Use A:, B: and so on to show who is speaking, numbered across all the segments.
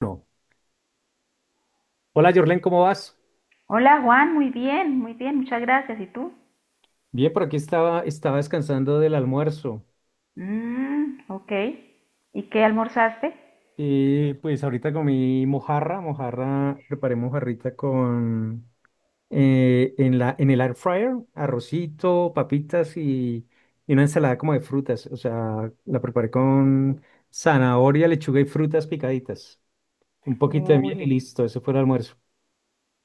A: Bueno, hola, Jorlen, ¿cómo vas?
B: Hola Juan, muy bien, muchas gracias. ¿Y tú?
A: Bien, por aquí estaba descansando del almuerzo.
B: Mmm, ok. ¿Y qué almorzaste?
A: Y pues ahorita comí mojarra, mojarra, preparé mojarrita con en el air fryer, arrocito, papitas y una ensalada como de frutas. O sea, la preparé con zanahoria, lechuga y frutas picaditas. Un poquito de
B: Uy,
A: miel y listo, eso fue el almuerzo.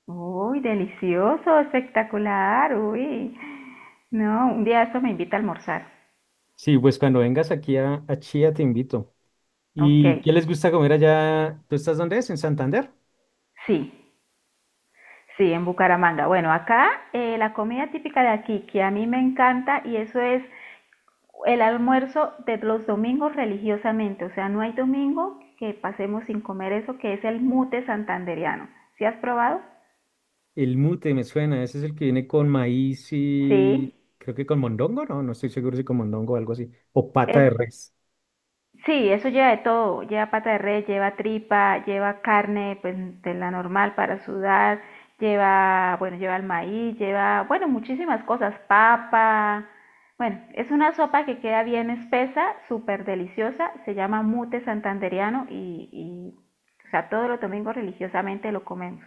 B: uy, delicioso, espectacular, uy. No, un día esto me invita a almorzar.
A: Sí, pues cuando vengas aquí a Chía te invito.
B: Ok,
A: ¿Y qué les gusta comer allá? ¿Tú estás dónde es? ¿En Santander?
B: sí, sí, en Bucaramanga. Bueno, acá la comida típica de aquí, que a mí me encanta, y eso es el almuerzo de los domingos religiosamente. O sea, no hay domingo que pasemos sin comer eso, que es el mute santandereano. ¿Sí has probado?
A: El mute me suena, ese es el que viene con maíz
B: Sí.
A: y creo que con mondongo, no, no estoy seguro si con mondongo o algo así, o pata
B: Es,
A: de res.
B: sí, eso lleva de todo, lleva pata de res, lleva tripa, lleva carne pues, de la normal para sudar, lleva, bueno, lleva el maíz, lleva, bueno, muchísimas cosas, papa. Bueno, es una sopa que queda bien espesa, súper deliciosa, se llama mute santandereano o sea, todos los domingos religiosamente lo comemos.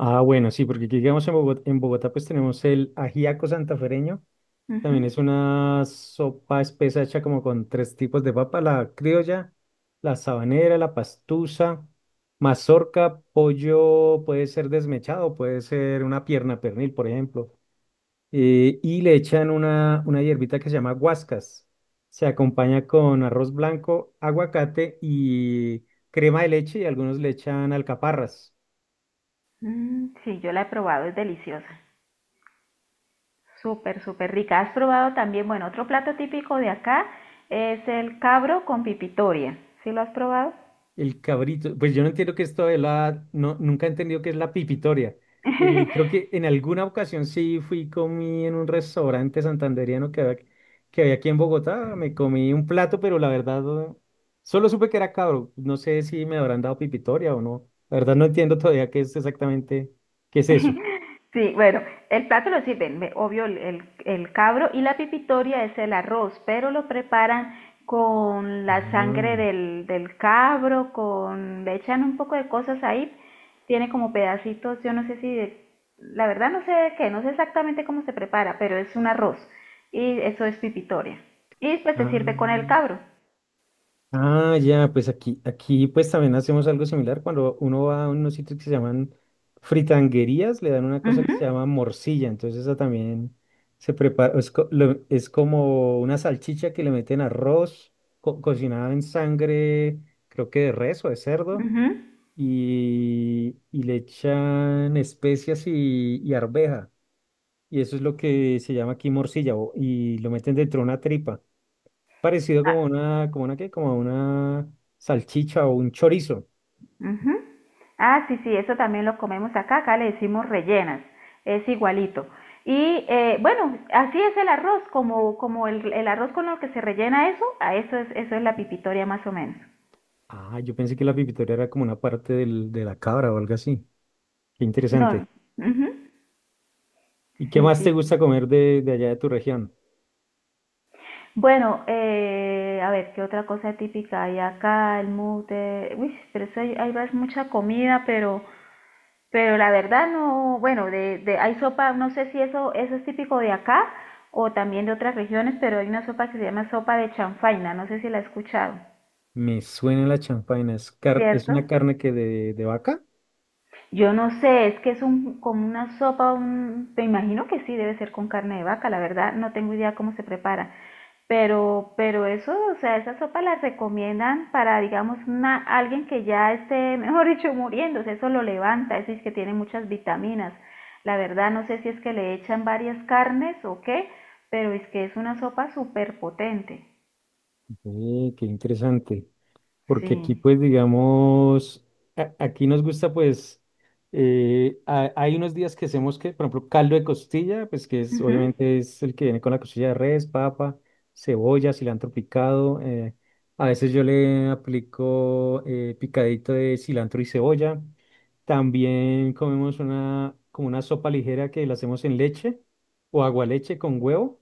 A: Ah, bueno, sí, porque aquí digamos en Bogotá pues tenemos el ajiaco santafereño,
B: Ujú.
A: también es una sopa espesa hecha como con tres tipos de papa, la criolla, la sabanera, la pastusa, mazorca, pollo, puede ser desmechado, puede ser una pierna pernil, por ejemplo. Y le echan una hierbita que se llama guascas. Se acompaña con arroz blanco, aguacate y crema de leche y algunos le echan alcaparras.
B: Mm, sí, yo la he probado, es deliciosa. Súper, súper rica. ¿Has probado también, bueno, otro plato típico de acá es el cabro con pipitoria? ¿Sí lo has probado?
A: El cabrito, pues yo no entiendo que esto de la, no, nunca he entendido qué es la pipitoria. Creo que en alguna ocasión sí fui, comí en un restaurante santandereano que había aquí en Bogotá, me comí un plato, pero la verdad eh, solo supe que era cabro. No sé si me habrán dado pipitoria o no. La verdad no entiendo todavía qué es exactamente, qué es eso.
B: Sí, bueno, el plato lo sirven, obvio, el cabro y la pipitoria es el arroz, pero lo preparan con la sangre
A: Ah,
B: del cabro, con, le echan un poco de cosas ahí, tiene como pedacitos, yo no sé si, la verdad no sé de qué, no sé exactamente cómo se prepara, pero es un arroz y eso es pipitoria. Y pues se
A: ah.
B: sirve con el cabro.
A: Ah, ya, pues aquí pues también hacemos algo similar. Cuando uno va a unos sitios que se llaman fritanguerías, le dan una cosa que
B: Ujú,
A: se llama morcilla. Entonces esa también se prepara, es como una salchicha que le meten arroz cocinada en sangre, creo que de res o de cerdo,
B: ujú.
A: y le echan especias y arveja. Y eso es lo que se llama aquí morcilla, y lo meten dentro de una tripa. Parecido
B: Ah,
A: como una salchicha o un chorizo.
B: ujú. Ah, sí, sí, eso también lo comemos acá, acá le decimos rellenas, es igualito. Y bueno, así es el arroz, como, como el arroz con lo que se rellena eso, a eso es la pipitoria más o menos.
A: Ah, yo pensé que la pipitoria era como una parte de la cabra o algo así. Qué
B: No,
A: interesante.
B: ujú,
A: ¿Y qué
B: sí,
A: más te
B: sí, sí.
A: gusta comer de allá de tu región?
B: Bueno, a ver, ¿qué otra cosa típica hay acá? El mute, uy, pero eso hay, mucha comida, pero la verdad no, bueno, hay sopa, no sé si eso, eso es típico de acá o también de otras regiones, pero hay una sopa que se llama sopa de chanfaina, no sé si la he escuchado,
A: Me suena la champaina. ¿Es
B: ¿cierto?
A: una carne que de vaca?
B: Yo no sé, es que es un, como una sopa, un, me imagino que sí, debe ser con carne de vaca, la verdad, no tengo idea cómo se prepara. Pero eso, o sea, esa sopa la recomiendan para, digamos, una, alguien que ya esté, mejor dicho, muriéndose, eso lo levanta, eso es que tiene muchas vitaminas. La verdad, no sé si es que le echan varias carnes o qué, pero es que es una sopa súper potente.
A: Qué interesante. Porque aquí
B: Sí.
A: pues digamos, aquí nos gusta pues, hay unos días que hacemos que, por ejemplo, caldo de costilla, pues que es
B: Ujú.
A: obviamente es el que viene con la costilla de res, papa, cebolla, cilantro picado, a veces yo le aplico picadito de cilantro y cebolla, también comemos como una sopa ligera que la hacemos en leche o agualeche con huevo.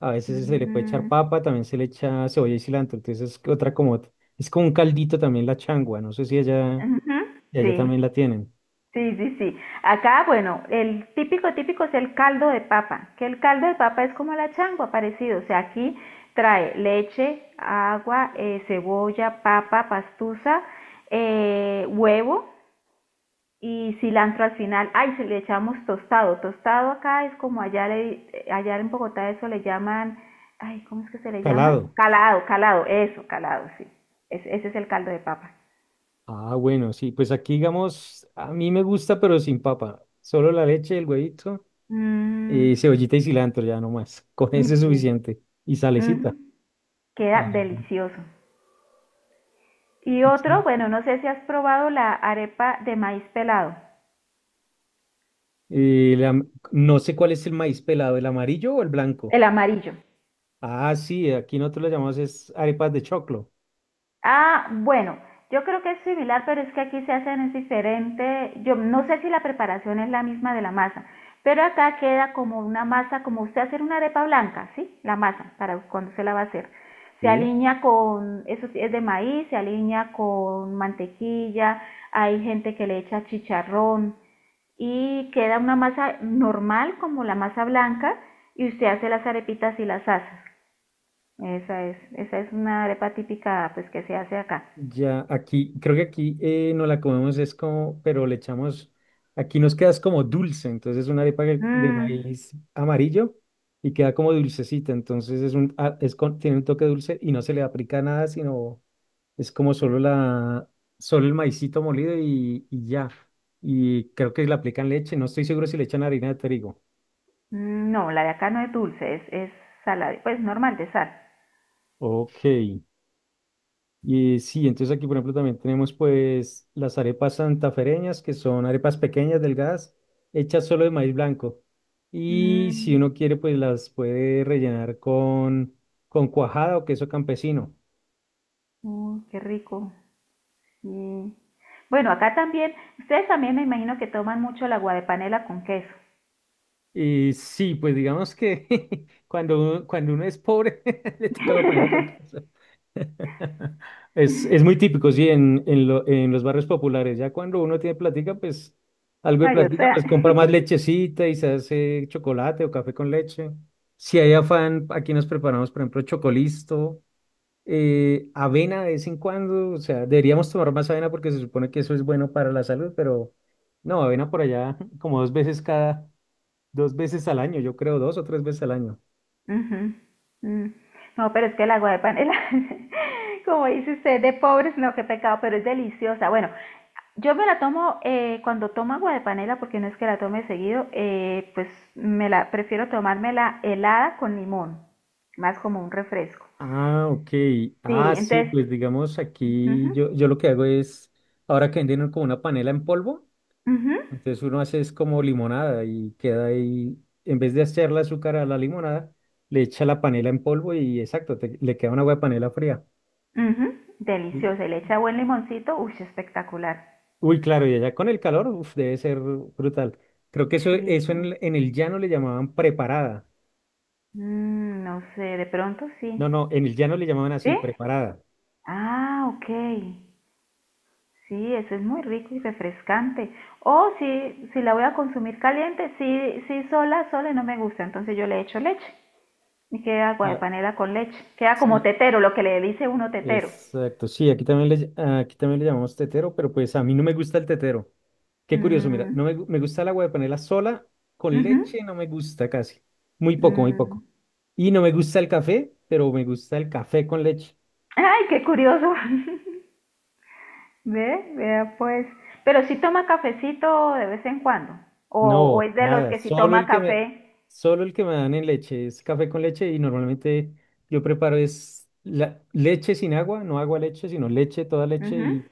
A: A veces se le puede echar
B: Mm,
A: papa, también se le echa cebolla y cilantro. Entonces es es como un caldito también la changua. No sé si allá,
B: ujú,
A: y allá
B: sí.
A: también la tienen.
B: Sí, sí, sí. Acá, bueno, el típico, típico es el caldo de papa, que el caldo de papa es como la changua, parecido. O sea, aquí trae leche, agua, cebolla, papa, pastusa, huevo y cilantro al final. Ay, se le echamos tostado. Tostado acá es como allá, le, allá en Bogotá eso le llaman, ay, ¿cómo es que se le llaman?
A: Calado.
B: Calado, calado, eso, calado, sí. Ese es el caldo de papa.
A: Ah, bueno, sí. Pues aquí, digamos, a mí me gusta, pero sin papa. Solo la leche, el huevito,
B: Mm,
A: y cebollita y cilantro, ya no más. Con eso es
B: ujú,
A: suficiente. Y
B: ujú.
A: salecita.
B: Queda
A: Ah,
B: delicioso. Y
A: y sí.
B: otro, bueno, no sé si has probado la arepa de maíz pelado,
A: Y la- no sé cuál es el maíz pelado, ¿el amarillo o el blanco?
B: el amarillo.
A: Ah, sí, aquí nosotros lo llamamos es arepas de choclo.
B: Ah, bueno, yo creo que es similar, pero es que aquí se hacen es diferente. Yo no sé si la preparación es la misma de la masa, pero acá queda como una masa, como usted hacer una arepa blanca, ¿sí? La masa, para cuando se la va a hacer. Se
A: Sí.
B: alinea con, eso sí, es de maíz, se alinea con mantequilla, hay gente que le echa chicharrón, y queda una masa normal como la masa blanca y usted hace las arepitas y las asa. Esa es una arepa típica pues que se hace acá.
A: Ya, aquí, creo que aquí no la comemos, es como, pero le echamos, aquí nos queda es como dulce, entonces es una arepa de
B: Mm,
A: maíz amarillo y queda como dulcecita, entonces es un, ah, es con- tiene un toque dulce y no se le aplica nada, sino es como solo el maicito molido y ya, y creo que le aplican leche, no estoy seguro si le echan harina de trigo.
B: mm, no, la de acá no es dulce, es salada, pues normal de sal.
A: Ok. Y sí, entonces aquí, por ejemplo, también tenemos pues las arepas santafereñas, que son arepas pequeñas, delgadas, hechas solo de maíz blanco. Y si
B: Mm,
A: uno quiere, pues las puede rellenar con cuajada o queso campesino.
B: uy, qué rico. Sí. Bueno, acá también, ustedes también me imagino que toman mucho el agua de panela con queso.
A: Y sí, pues digamos que cuando uno es pobre, le toca acompañar con queso. Es muy típico, sí, en los barrios populares. Ya cuando uno tiene plática, pues algo de
B: Ay, o
A: plática,
B: sea,
A: pues compra más lechecita y se hace chocolate o café con leche. Si hay afán, aquí nos preparamos, por ejemplo, chocolisto, avena de vez en cuando. O sea, deberíamos tomar más avena porque se supone que eso es bueno para la salud, pero no, avena por allá como dos veces al año, yo creo, dos o tres veces al año.
B: ujú, mm. No, pero es que el agua de panela, como dice usted, de pobres, no, qué pecado, pero es deliciosa. Bueno, yo me la tomo cuando tomo agua de panela, porque no es que la tome seguido, pues me la prefiero tomármela helada con limón, más como un refresco.
A: Ah, ok.
B: Sí,
A: Ah, sí,
B: entonces,
A: pues digamos aquí
B: ujú,
A: yo lo que hago es, ahora que venden como una panela en polvo,
B: ujú,
A: entonces uno hace es como limonada y queda ahí, en vez de echarle azúcar a la limonada, le echa la panela en polvo y exacto, le queda una agua de panela fría.
B: ujú,
A: Y-
B: deliciosa, y le echa buen limoncito, uy, espectacular.
A: Uy, claro, y allá con el calor, uf, debe ser brutal. Creo que eso,
B: Sí,
A: eso
B: sí.
A: en el llano le llamaban preparada.
B: Mm, no sé, de pronto
A: No,
B: sí.
A: no, en el llano le llamaban
B: ¿Sí?
A: así, preparada.
B: Ah, ok. Sí, eso es muy rico y refrescante. O si, si la voy a consumir caliente, sí, sí, sola, sola no me gusta, entonces yo le echo leche y queda agua de
A: La-
B: panela con leche. Queda como
A: sí,
B: tetero, lo que le dice uno tetero.
A: exacto, sí, aquí también le llamamos tetero, pero pues a mí no me gusta el tetero. Qué curioso, mira, no
B: Mm,
A: me, gu- me gusta el agua de panela sola, con
B: ujú,
A: leche no me gusta casi, muy poco, muy
B: mm.
A: poco. Y no me gusta el café, pero me gusta el café con leche.
B: Ay, qué curioso. Ve, vea pues. Pero sí toma cafecito de vez en cuando.
A: No,
B: O es de los
A: nada,
B: que sí
A: solo
B: toma
A: el que me,
B: café.
A: solo el que me dan en leche es café con leche y normalmente yo preparo es leche sin agua, no agua leche, sino leche, toda leche
B: Ujú.
A: y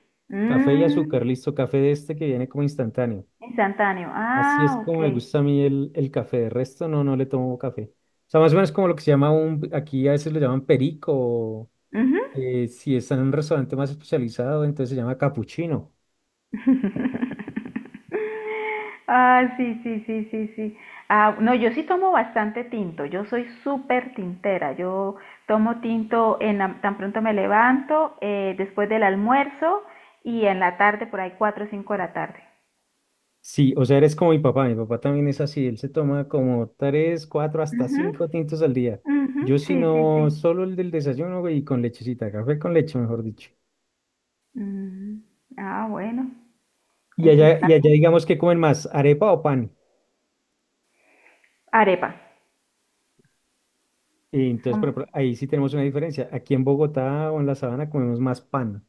A: café y azúcar,
B: Mm,
A: listo, café de este que viene como instantáneo.
B: instantáneo.
A: Así es
B: Ah,
A: como
B: ok.
A: me gusta a mí el café. De resto, no, no le tomo café. O sea, más o menos como lo que se llama aquí a veces lo llaman perico,
B: Ujú.
A: si está en un restaurante más especializado, entonces se llama capuchino.
B: Ah, sí, sí, sí, sí, sí. Ah, no, yo sí tomo bastante tinto. Yo soy súper tintera. Yo tomo tinto en tan pronto me levanto, después del almuerzo y en la tarde, por ahí cuatro o cinco de la tarde.
A: Sí, o sea, eres como mi papá también es así, él se toma como tres, cuatro, hasta
B: Ujú,
A: cinco tintos al día.
B: ujú,
A: Yo si
B: sí, sí, sí.
A: no, solo el del desayuno, güey, y con lechecita, café con leche, mejor dicho.
B: Mm, ah, bueno,
A: Y
B: eso
A: allá,
B: está
A: y allá
B: bien.
A: digamos que comen más, arepa o pan.
B: Arepa.
A: Y entonces, por
B: Son-
A: ejemplo, ahí sí tenemos una diferencia. Aquí en Bogotá o en la sabana comemos más pan.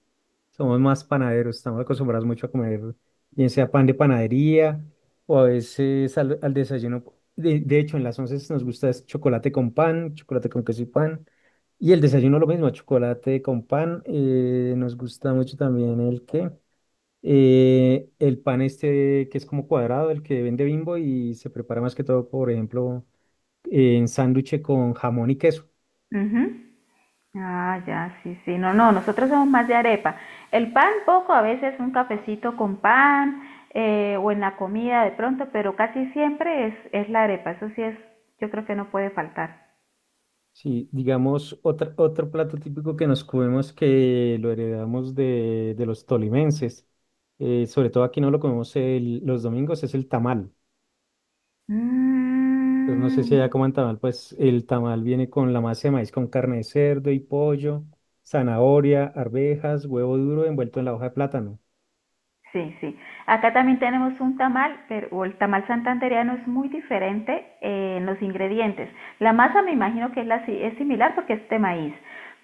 A: Somos más panaderos, estamos acostumbrados mucho a comer, bien sea pan de panadería o a veces al desayuno. De hecho, en las once nos gusta es chocolate con pan, chocolate con queso y pan. Y el desayuno lo mismo, chocolate con pan. Nos gusta mucho también el pan este que es como cuadrado, el que vende Bimbo y se prepara más que todo, por ejemplo, en sándwich con jamón y queso.
B: Ujú. Ah, ya, sí, sí. No, no, nosotros somos más de arepa. El pan poco, a veces un cafecito con pan o en la comida de pronto, pero casi siempre es la arepa. Eso sí es, yo creo que no puede faltar.
A: Sí, digamos, otro plato típico que nos comemos que lo heredamos de los tolimenses, sobre todo aquí no lo comemos los domingos, es el tamal. Pues no sé si
B: Mm,
A: allá coman tamal, pues el tamal viene con la masa de maíz con carne de cerdo y pollo, zanahoria, arvejas, huevo duro envuelto en la hoja de plátano.
B: sí, sí. Acá también tenemos un tamal, pero o el tamal santandereano es muy diferente en los ingredientes. La masa me imagino que es, la, es similar porque es de maíz,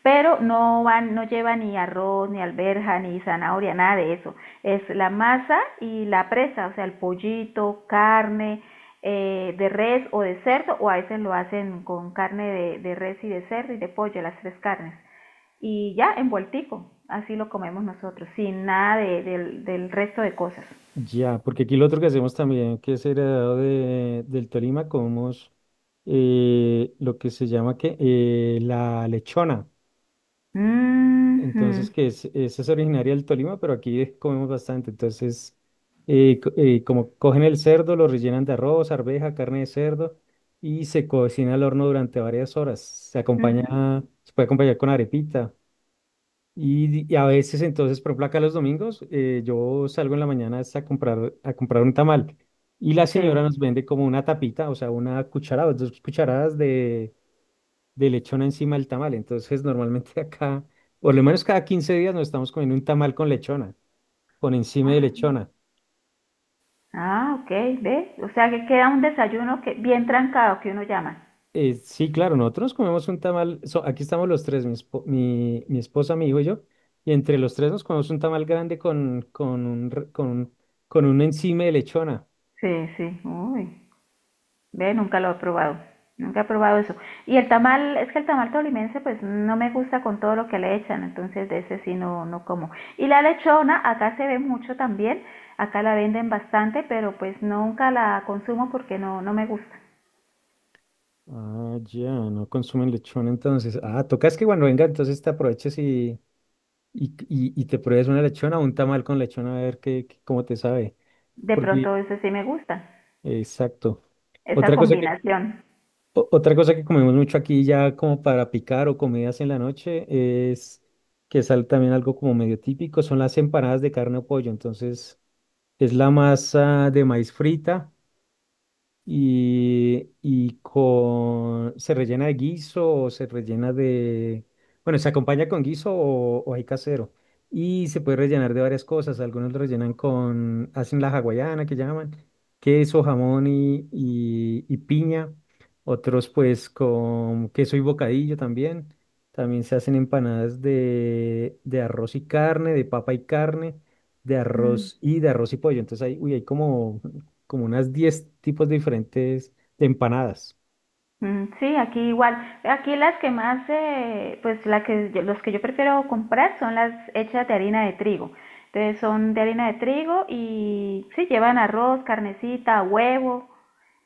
B: pero no van, no lleva ni arroz, ni alberja, ni zanahoria, nada de eso. Es la masa y la presa, o sea, el pollito, carne de res o de cerdo, o a veces lo hacen con carne de res y de cerdo y de pollo, las tres carnes y ya envueltico. Así lo comemos nosotros, sin nada de- del, del resto de cosas.
A: Ya, porque aquí lo otro que hacemos también, que es heredado del Tolima, comemos lo que se llama la lechona. Entonces,
B: Mhm,
A: esa es originaria del Tolima, pero aquí comemos bastante. Entonces, como cogen el cerdo, lo rellenan de arroz, arveja, carne de cerdo y se cocina al horno durante varias horas. Se acompaña,
B: mhm,
A: se puede acompañar con arepita. Y a veces, entonces, por ejemplo, acá los domingos, yo salgo en la mañana es a comprar, un tamal. Y la señora
B: sí.
A: nos vende como una tapita, o sea, una cucharada, dos cucharadas de lechona encima del tamal. Entonces, normalmente acá, por lo menos cada 15 días nos estamos comiendo un tamal con lechona, con encima de lechona.
B: Ah, ok, ve. O sea que queda un desayuno que bien trancado que uno llama.
A: Sí, claro, nosotros comemos un tamal, aquí estamos los tres, mi esposa, mi hijo y yo, y entre los tres nos comemos un tamal grande con un, re- con un encima de lechona.
B: Sí, sí. Uy, ve, nunca lo he probado. Nunca he probado eso. Y el tamal, es que el tamal tolimense pues no me gusta con todo lo que le echan, entonces de ese sí no, no como. Y la lechona, acá se ve mucho también, acá la venden bastante, pero pues nunca la consumo porque no, no me gusta.
A: Ah, ya, no consumen lechona entonces. Ah, tocas que cuando venga, entonces te aproveches y te pruebes una lechona o un tamal con lechona a ver cómo te sabe.
B: De
A: Porque
B: pronto eso sí me gusta,
A: Exacto.
B: esa
A: Otra cosa que,
B: combinación.
A: otra cosa que comemos mucho aquí ya como para picar o comidas en la noche es que es también algo como medio típico, son las empanadas de carne o pollo. Entonces es la masa de maíz frita y se rellena de guiso o se rellena bueno, se acompaña con guiso o hay casero. Y se puede rellenar de varias cosas. Algunos lo rellenan con, hacen la hawaiana que llaman, queso, jamón y piña. Otros pues con queso y bocadillo también. También se hacen empanadas de arroz y carne, de papa y carne, de
B: Mm.
A: arroz y de arroz y pollo. Entonces, uy, hay como unas 10 tipos diferentes de empanadas.
B: Mm, sí, aquí igual. Aquí las que más, pues la que, los que yo prefiero comprar son las hechas de harina de trigo. Entonces son de harina de trigo y sí, llevan arroz, carnecita, huevo,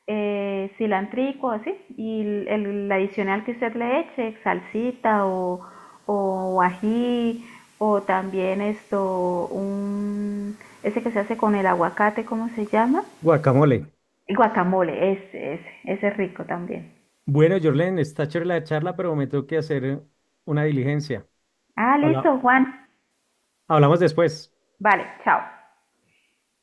B: cilantrico, así. Y el adicional que usted le eche, salsita o ají, o también esto, un, ese que se hace con el aguacate, ¿cómo se llama?
A: Guacamole.
B: El Guacamole, ese es rico también.
A: Bueno, Jorlen, está chévere la charla, pero me tengo que hacer una diligencia.
B: Ah,
A: Habla-
B: listo, Juan.
A: hablamos después.
B: Vale, chao.